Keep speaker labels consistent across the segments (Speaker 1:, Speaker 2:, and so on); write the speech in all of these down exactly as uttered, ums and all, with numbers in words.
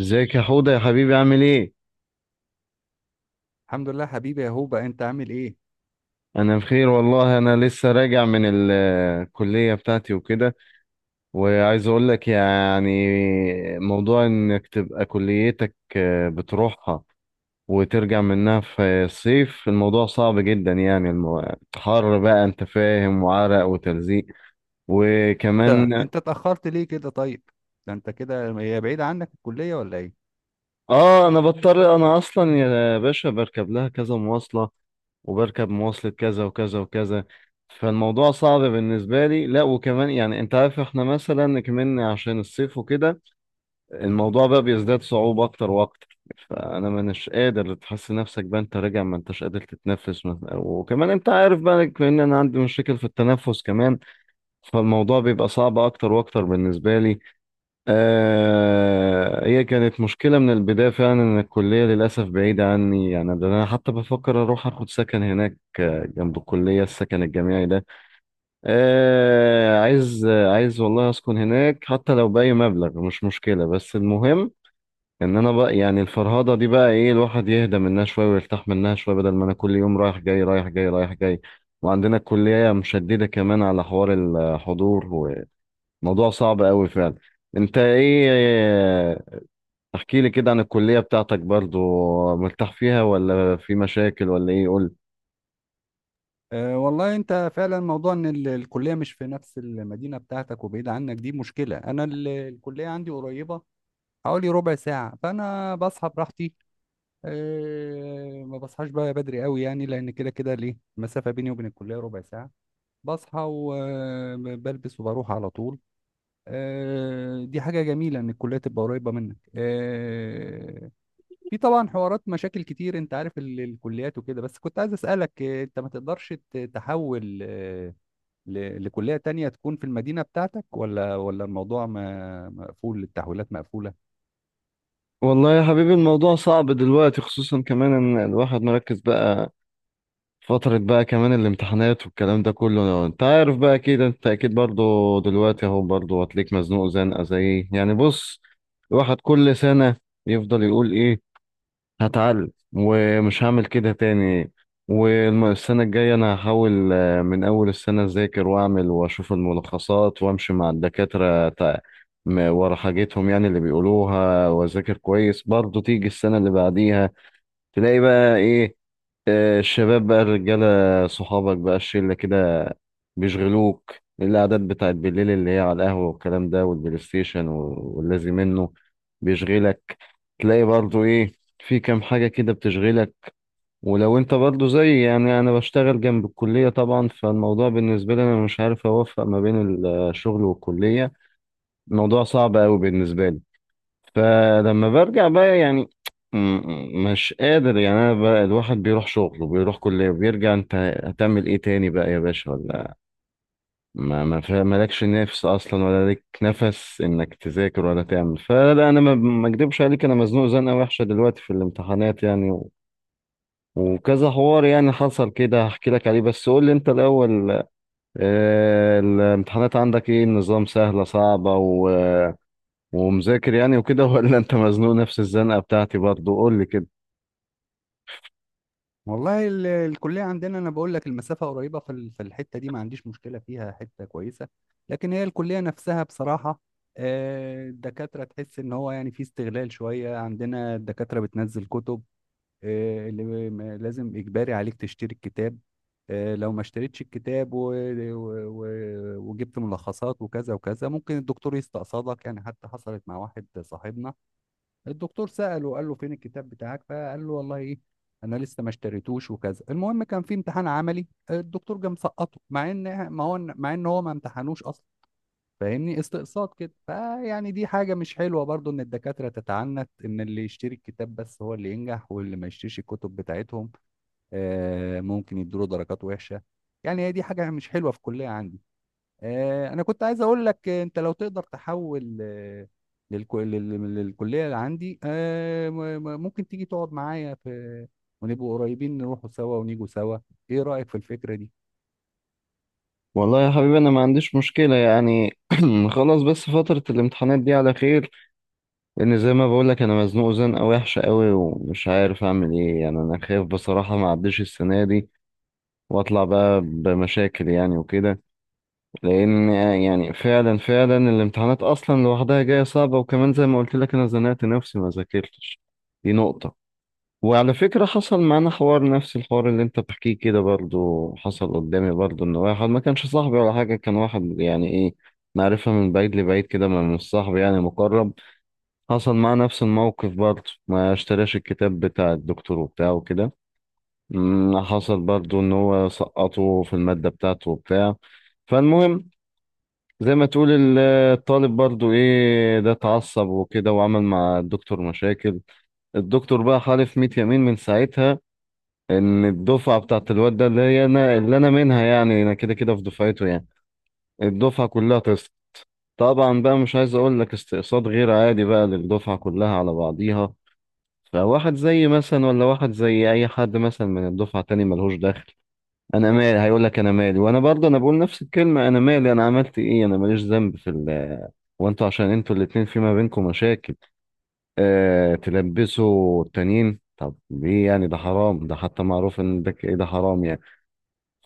Speaker 1: ازيك يا حوده يا حبيبي، عامل ايه؟
Speaker 2: الحمد لله حبيبي يا هوبا، انت عامل ايه؟
Speaker 1: انا بخير والله، انا لسه راجع من ال- الكليه بتاعتي وكده. وعايز اقول لك يعني موضوع انك تبقى كليتك آه، بتروحها وترجع منها في الصيف، الموضوع صعب جدا يعني، الم- حر بقى انت فاهم، وعرق وتلزيق
Speaker 2: انت
Speaker 1: وكمان.
Speaker 2: انت اتاخرت ليه كده؟ طيب، ده انت كده هي بعيده عنك الكليه ولا ايه؟
Speaker 1: اه انا بضطر، انا اصلا يا باشا بركب لها كذا مواصلة، وبركب مواصلة كذا وكذا وكذا. فالموضوع صعب بالنسبة لي، لا وكمان يعني انت عارف احنا مثلا كمان عشان الصيف وكده، الموضوع بقى بيزداد صعوبة اكتر واكتر. فانا مانيش قادر، تحس نفسك بقى انت راجع ما انتش قادر تتنفس مثلا، وكمان انت عارف بقى ان انا عندي مشاكل في التنفس كمان. فالموضوع بيبقى صعب اكتر واكتر بالنسبة لي. آه هي كانت مشكلة من البداية فعلا، إن الكلية للأسف بعيدة عني يعني، ده أنا حتى بفكر أروح أخد سكن هناك آه، جنب الكلية، السكن الجامعي ده. آه عايز آه، عايز والله أسكن هناك حتى لو بأي مبلغ، مش مشكلة بس المهم إن أنا بقى يعني، الفرهدة دي بقى إيه، الواحد يهدى منها شوية ويرتاح منها شوية، بدل ما أنا كل يوم رايح جاي رايح جاي رايح جاي. وعندنا الكلية مشددة كمان على حوار الحضور، وموضوع صعب أوي فعلا. انت ايه؟ احكي لي كده عن الكلية بتاعتك، برضو مرتاح فيها ولا في مشاكل ولا ايه؟ قول.
Speaker 2: أه والله، انت فعلا موضوع ان ال- الكليه مش في نفس المدينه بتاعتك وبعيده عنك، دي مشكله. انا ال- الكليه عندي قريبه، حوالي ربع ساعه، فانا بصحى براحتي. أه ما بصحاش بقى بدري قوي يعني، لان كده كده ليه المسافه بيني وبين الكليه ربع ساعه. بصحى وبلبس وبروح على طول. آه، دي حاجة جميلة إن الكلية تبقى قريبة منك. آه، في طبعا حوارات مشاكل كتير، انت عارف ال- الكليات وكده. بس كنت عايز اسالك، آه، انت ما تقدرش ت- تحول آه، ل- لكليه تانية تكون في المدينه بتاعتك، ولا ولا الموضوع ما- مقفول؟ التحويلات مقفوله؟
Speaker 1: والله يا حبيبي الموضوع صعب دلوقتي، خصوصا كمان ان الواحد مركز بقى فترة بقى، كمان الامتحانات والكلام ده كله، انت عارف بقى اكيد، انت اكيد برضو دلوقتي اهو برضو هتليك مزنوق زنقة زي إيه. يعني بص، الواحد كل سنة يفضل يقول ايه، هتعلم ومش هعمل كده تاني، والسنة الجاية أنا هحاول آه، من أول السنة أذاكر وأعمل وأشوف الملخصات وأمشي مع الدكاترة تع- م- ورا حاجتهم يعني اللي بيقولوها، وأذاكر كويس، برضه تيجي السنة اللي بعديها، تلاقي بقى إيه، آه، الشباب بقى، الرجالة صحابك بقى، الشلة كده بيشغلوك. القعدات بتاعت بالليل اللي هي على القهوة والكلام ده والبلاي ستيشن و- واللازم منه بيشغلك، تلاقي برضه إيه، في كام حاجة كده بتشغلك. ولو انت برضو زي، يعني انا بشتغل جنب الكلية طبعا، فالموضوع بالنسبة لي انا مش عارف اوفق ما بين الشغل والكلية، الموضوع صعب قوي بالنسبة لي. فلما برجع بقى يعني، م- م- مش قادر يعني، انا بقى الواحد بيروح شغل وبيروح كلية وبيرجع، انت هتعمل ايه تاني بقى يا باشا ولا؟ ما ما فا- مالكش نفس اصلا ولا لك نفس انك تذاكر ولا تعمل، فلا انا ما ما اكدبش عليك، انا مزنوق زنقة وحشة دلوقتي في الامتحانات يعني، وكذا حوار يعني حصل كده هحكي لك عليه، بس قول لي انت الاول. آه، الامتحانات عندك ايه النظام، سهلة صعبة و- ومذاكر يعني وكده ولا انت مزنوق نفس الزنقة بتاعتي برضو؟ قول لي كده.
Speaker 2: والله ال- الكليه عندنا، انا بقول لك، المسافه قريبه في ال- في الحته دي، ما عنديش مشكله فيها، حته كويسه. لكن هي الكليه نفسها بصراحه، آه، الدكاتره، تحس ان هو يعني في استغلال شويه. عندنا الدكاتره بتنزل كتب، آه، اللي م- لازم إجباري عليك تشتري الكتاب. آه، لو ما اشتريتش الكتاب و... و... و... وجبت ملخصات وكذا وكذا، ممكن الدكتور يستقصدك يعني. حتى حصلت مع واحد صاحبنا، الدكتور سأله قال له فين الكتاب بتاعك، فقال له والله ايه، انا لسه ما اشتريتوش وكذا. المهم كان في امتحان عملي، الدكتور جه مسقطه، مع ان ما هو، مع ان هو ما امتحنوش اصلا. فاهمني؟ استقصاد كده. فيعني دي حاجة مش حلوة برضو، ان الدكاترة تتعنت ان اللي يشتري الكتاب بس هو اللي ينجح، واللي ما يشتريش الكتب بتاعتهم آه، ممكن يدوله درجات وحشة. يعني هي دي حاجة مش حلوة في الكلية عندي. آه، انا كنت عايز اقول لك، آه، انت لو تقدر تحول آه، للك- لل- للكلية اللي عندي، آه، م- م- ممكن تيجي تقعد معايا في، ونبقوا قريبين، نروحوا سوا ونيجوا سوا. ايه رأيك في الفكرة دي؟
Speaker 1: والله يا حبيبي انا ما عنديش مشكلة يعني، خلاص، بس فترة الامتحانات دي على خير، لان زي ما بقول لك انا مزنوق زنقة وحشة قوي، ومش عارف اعمل ايه يعني، انا خايف بصراحة ما اعديش السنة دي، واطلع بقى بمشاكل يعني وكده. لان يعني فعلا فعلا الامتحانات اصلا لوحدها جايه صعبه، وكمان زي ما قلت لك انا زنقت نفسي ما ذاكرتش، دي نقطه. وعلى فكره، حصل معانا حوار نفس الحوار اللي انت بتحكيه كده، برضو حصل قدامي برضو، ان واحد ما كانش صاحبي ولا حاجه، كان واحد يعني ايه، معرفه من بعيد لبعيد كده، ما مش صاحبي يعني مقرب. حصل معاه نفس الموقف برضو، ما اشتراش الكتاب بتاع الدكتور وبتاعه كده. مم، حصل برضو ان هو سقطه في الماده بتاعته وبتاع، فالمهم زي ما تقول ال- الطالب برضو ايه، ده اتعصب وكده وعمل مع الدكتور مشاكل. الدكتور بقى حالف مية يمين من ساعتها ان الدفعة بتاعت الواد ده اللي هي انا، اللي انا منها يعني، انا كده كده في دفعته يعني، الدفعة كلها تسقط. طبعا بقى مش عايز اقول لك، استقصاد غير عادي بقى للدفعة كلها على بعضيها، فواحد زي مثلا، ولا واحد زي اي حد مثلا من الدفعة تاني ملهوش دخل. انا مالي، هيقول لك انا مالي، وانا برضه انا بقول نفس الكلمه، انا مالي انا عملت ايه، انا ماليش ذنب في ال. وانتوا عشان انتوا الاتنين في ما بينكم مشاكل، آه تلبسوا التانيين، طب ليه يعني؟ ده حرام، ده حتى معروف ان ده ك- إيه، ده حرام يعني.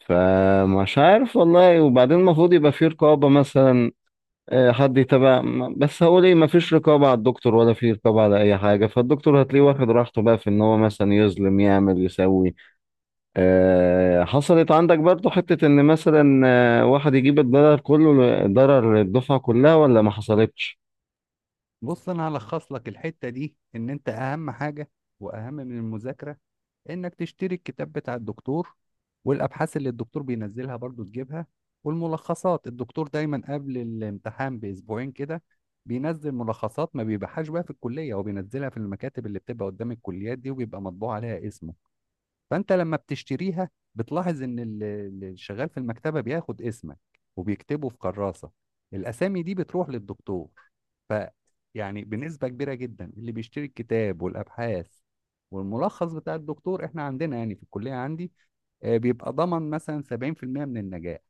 Speaker 1: فمش عارف والله، وبعدين المفروض يبقى في رقابه مثلا، آه حد يتابع، م- بس هقول ايه، مفيش رقابه على الدكتور ولا في رقابه على اي حاجه، فالدكتور هتلاقيه واخد راحته بقى في ان هو مثلا يظلم يعمل يسوي. آه، حصلت عندك برضو حتة ان مثلا آه، واحد يجيب الضرر كله، ضرر الدفعة كلها ولا ما حصلتش؟
Speaker 2: بص، انا هلخص لك الحتة دي، ان انت اهم حاجة واهم من المذاكرة انك تشتري الكتاب بتاع الدكتور، والابحاث اللي الدكتور بينزلها برضو تجيبها. والملخصات، الدكتور دايما قبل الامتحان باسبوعين كده بينزل ملخصات، ما بيبيعهاش بقى في الكلية، هو بينزلها في المكاتب اللي بتبقى قدام الكليات دي، وبيبقى مطبوع عليها اسمه. فانت لما بتشتريها، بتلاحظ ان ال- اللي شغال في المكتبه بياخد اسمك وبيكتبه في كراسه. الاسامي دي بتروح للدكتور. ف، يعني بنسبه كبيره جدا اللي بيشتري الكتاب والابحاث والملخص بتاع الدكتور، احنا عندنا يعني في الكليه عندي آه، بيبقى ضمن مثلا سبعين في المئة من النجاح.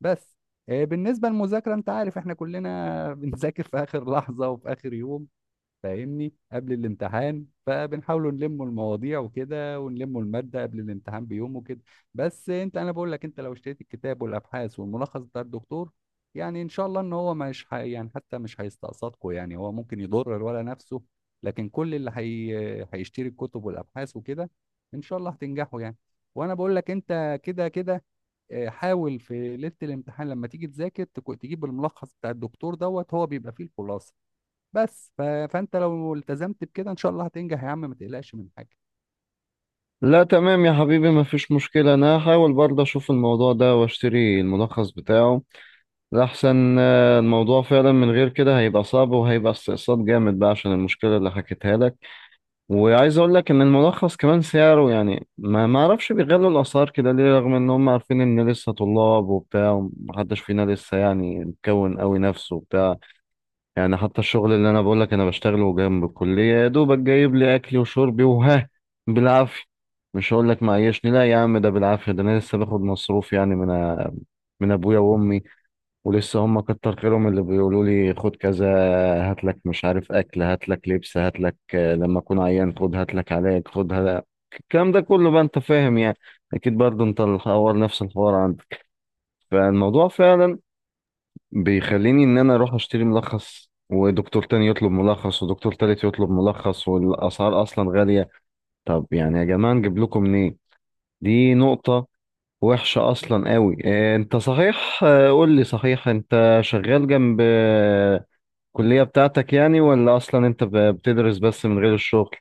Speaker 2: بس آه، بالنسبه للمذاكره، انت عارف احنا كلنا بنذاكر في اخر لحظه وفي اخر يوم، فاهمني، قبل الامتحان. فبنحاولوا نلموا المواضيع وكده، ونلموا المادة قبل الامتحان بيوم وكده. بس انت، انا بقول لك، انت لو اشتريت الكتاب والابحاث والملخص بتاع الدكتور، يعني ان شاء الله ان هو مش ح... يعني حتى مش هيستقصدكم يعني، هو ممكن يضر الولا نفسه. لكن كل اللي هي... هيشتري الكتب والابحاث وكده، ان شاء الله هتنجحوا يعني. وانا بقول لك، انت كده كده آه، حاول في ليله الامتحان لما تيجي تذاكر تكو- تجيب الملخص بتاع الدكتور دوت هو بيبقى فيه الخلاصه. بس ف... فانت لو التزمت بكده، ان شاء الله هتنجح يا عم، ما تقلقش من حاجه.
Speaker 1: لا تمام يا حبيبي ما فيش مشكلة، انا هحاول برضه اشوف الموضوع ده واشتري الملخص بتاعه، لأحسن آه، الموضوع فعلا من غير كده هيبقى صعب، وهيبقى استقصاد جامد بقى عشان المشكلة اللي حكيتها لك. وعايز اقول لك ان الملخص كمان سعره يعني، ما ما اعرفش بيغلوا الاسعار كده ليه، رغم ان هم عارفين ان لسه طلاب وبتاع، ومحدش فينا لسه يعني مكون قوي نفسه وبتاع، يعني حتى الشغل اللي انا بقول لك انا بشتغله جنب الكليه، يا دوبك جايب لي اكلي وشربي وها بالعافيه. مش هقول لك معيشني لا يا عم، ده بالعافيه، ده انا لسه باخد مصروف يعني من من ابويا وامي، ولسه هم كتر خيرهم اللي بيقولوا لي خد كذا، هات لك مش عارف اكل، هات لك لبس، هات لك لما اكون عيان خد، هات لك علاج، خد هات، الكلام ده كله بقى انت فاهم يعني. اكيد برضه انت الحوار نفس الحوار عندك، فالموضوع فعلا بيخليني ان انا اروح اشتري ملخص، ودكتور تاني يطلب ملخص، ودكتور تالت يطلب ملخص، والاسعار اصلا غالية. طب يعني يا جماعة نجيب لكم منين؟ دي نقطة وحشة اصلا قوي. آه، انت صحيح، آه، قول لي صحيح، انت شغال جنب آه، الكلية بتاعتك يعني، ولا اصلا انت ب- بتدرس بس من غير الشغل؟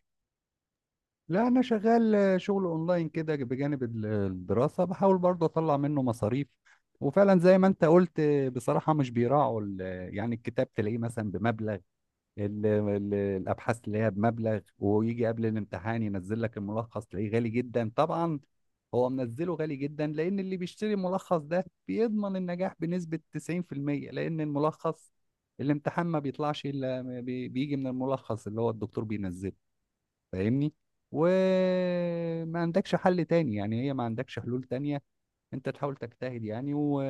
Speaker 2: لا انا شغال، آه، شغل اونلاين كده بجانب ال- الدراسه، بحاول برضه اطلع منه مصاريف. وفعلا زي ما انت قلت، آه، بصراحه مش بيراعوا ال- يعني الكتاب تلاقيه مثلا بمبلغ، ال- ال- الابحاث اللي هي بمبلغ، ويجي قبل الامتحان ينزل لك الملخص تلاقيه غالي جدا طبعا. هو منزله غالي جدا لان اللي بيشتري الملخص ده بيضمن النجاح بنسبة تسعين في المية، لان الملخص، الامتحان ما بيطلعش الا بي- بيجي من الملخص اللي هو الدكتور بينزله، فاهمني؟ وما عندكش حل تاني يعني، هي ما عندكش حلول تانية، انت تحاول تجتهد يعني، و...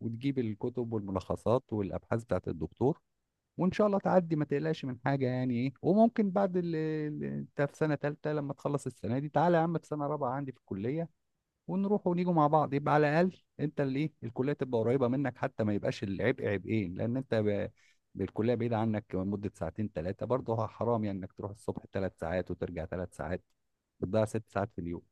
Speaker 2: وتجيب الكتب والملخصات والابحاث بتاعت الدكتور، وان شاء الله تعدي، ما تقلقش من حاجه يعني. ايه؟ وممكن بعد ال- ال- انت في سنه ثالثه، لما تخلص السنه دي، تعالى يا عم في سنه رابعه عندي في الكليه، ونروح ونيجوا مع بعض. يبقى على الاقل انت، اللي ايه، الكليه تبقى قريبه منك، حتى ما يبقاش العبء عبئين، لان انت ب... الكليه بعيده عنك مده ساعتين ثلاثه، برضه حرام يعني انك تروح الصبح ثلاث ساعات وترجع ثلاث ساعات، بتضيع ست ساعات في اليوم.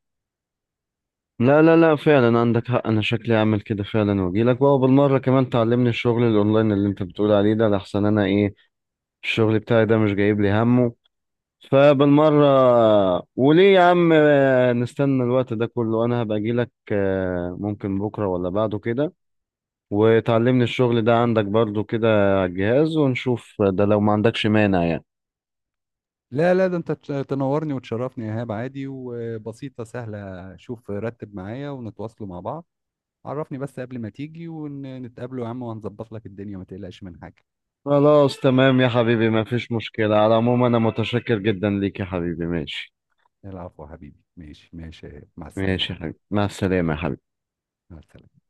Speaker 1: لا، لا، لا، فعلا عندك حق، انا شكلي اعمل كده فعلا، واجيلك بقى وبالمرة كمان تعلمني الشغل الاونلاين اللي انت بتقول عليه ده، لحسن انا ايه، الشغل بتاعي ده مش جايب لي همه، فبالمرة وليه يا عم آه، نستنى الوقت ده كله، انا هبقى اجيلك، آه، ممكن بكرة ولا بعده كده، وتعلمني الشغل ده عندك برضو كده على الجهاز ونشوف، ده لو ما عندكش مانع يعني.
Speaker 2: لا لا ده انت تش- تنورني وتشرفني يا ايهاب، عادي وبسيطه، سهله. شوف رتب معايا ونتواصلوا مع بعض، عرفني بس قبل ما تيجي ونتقابله يا عم، وهنظبط لك الدنيا، ما تقلقش من حاجة.
Speaker 1: خلاص تمام يا حبيبي ما فيش مشكلة، على العموم انا متشكر جدا ليك يا حبيبي، ماشي.
Speaker 2: العفو يا حبيبي، ماشي ماشي. مع السلامة يا
Speaker 1: ماشي يا
Speaker 2: حبيبي.
Speaker 1: حبيبي، مع السلامة يا حبيبي.
Speaker 2: مع السلامة.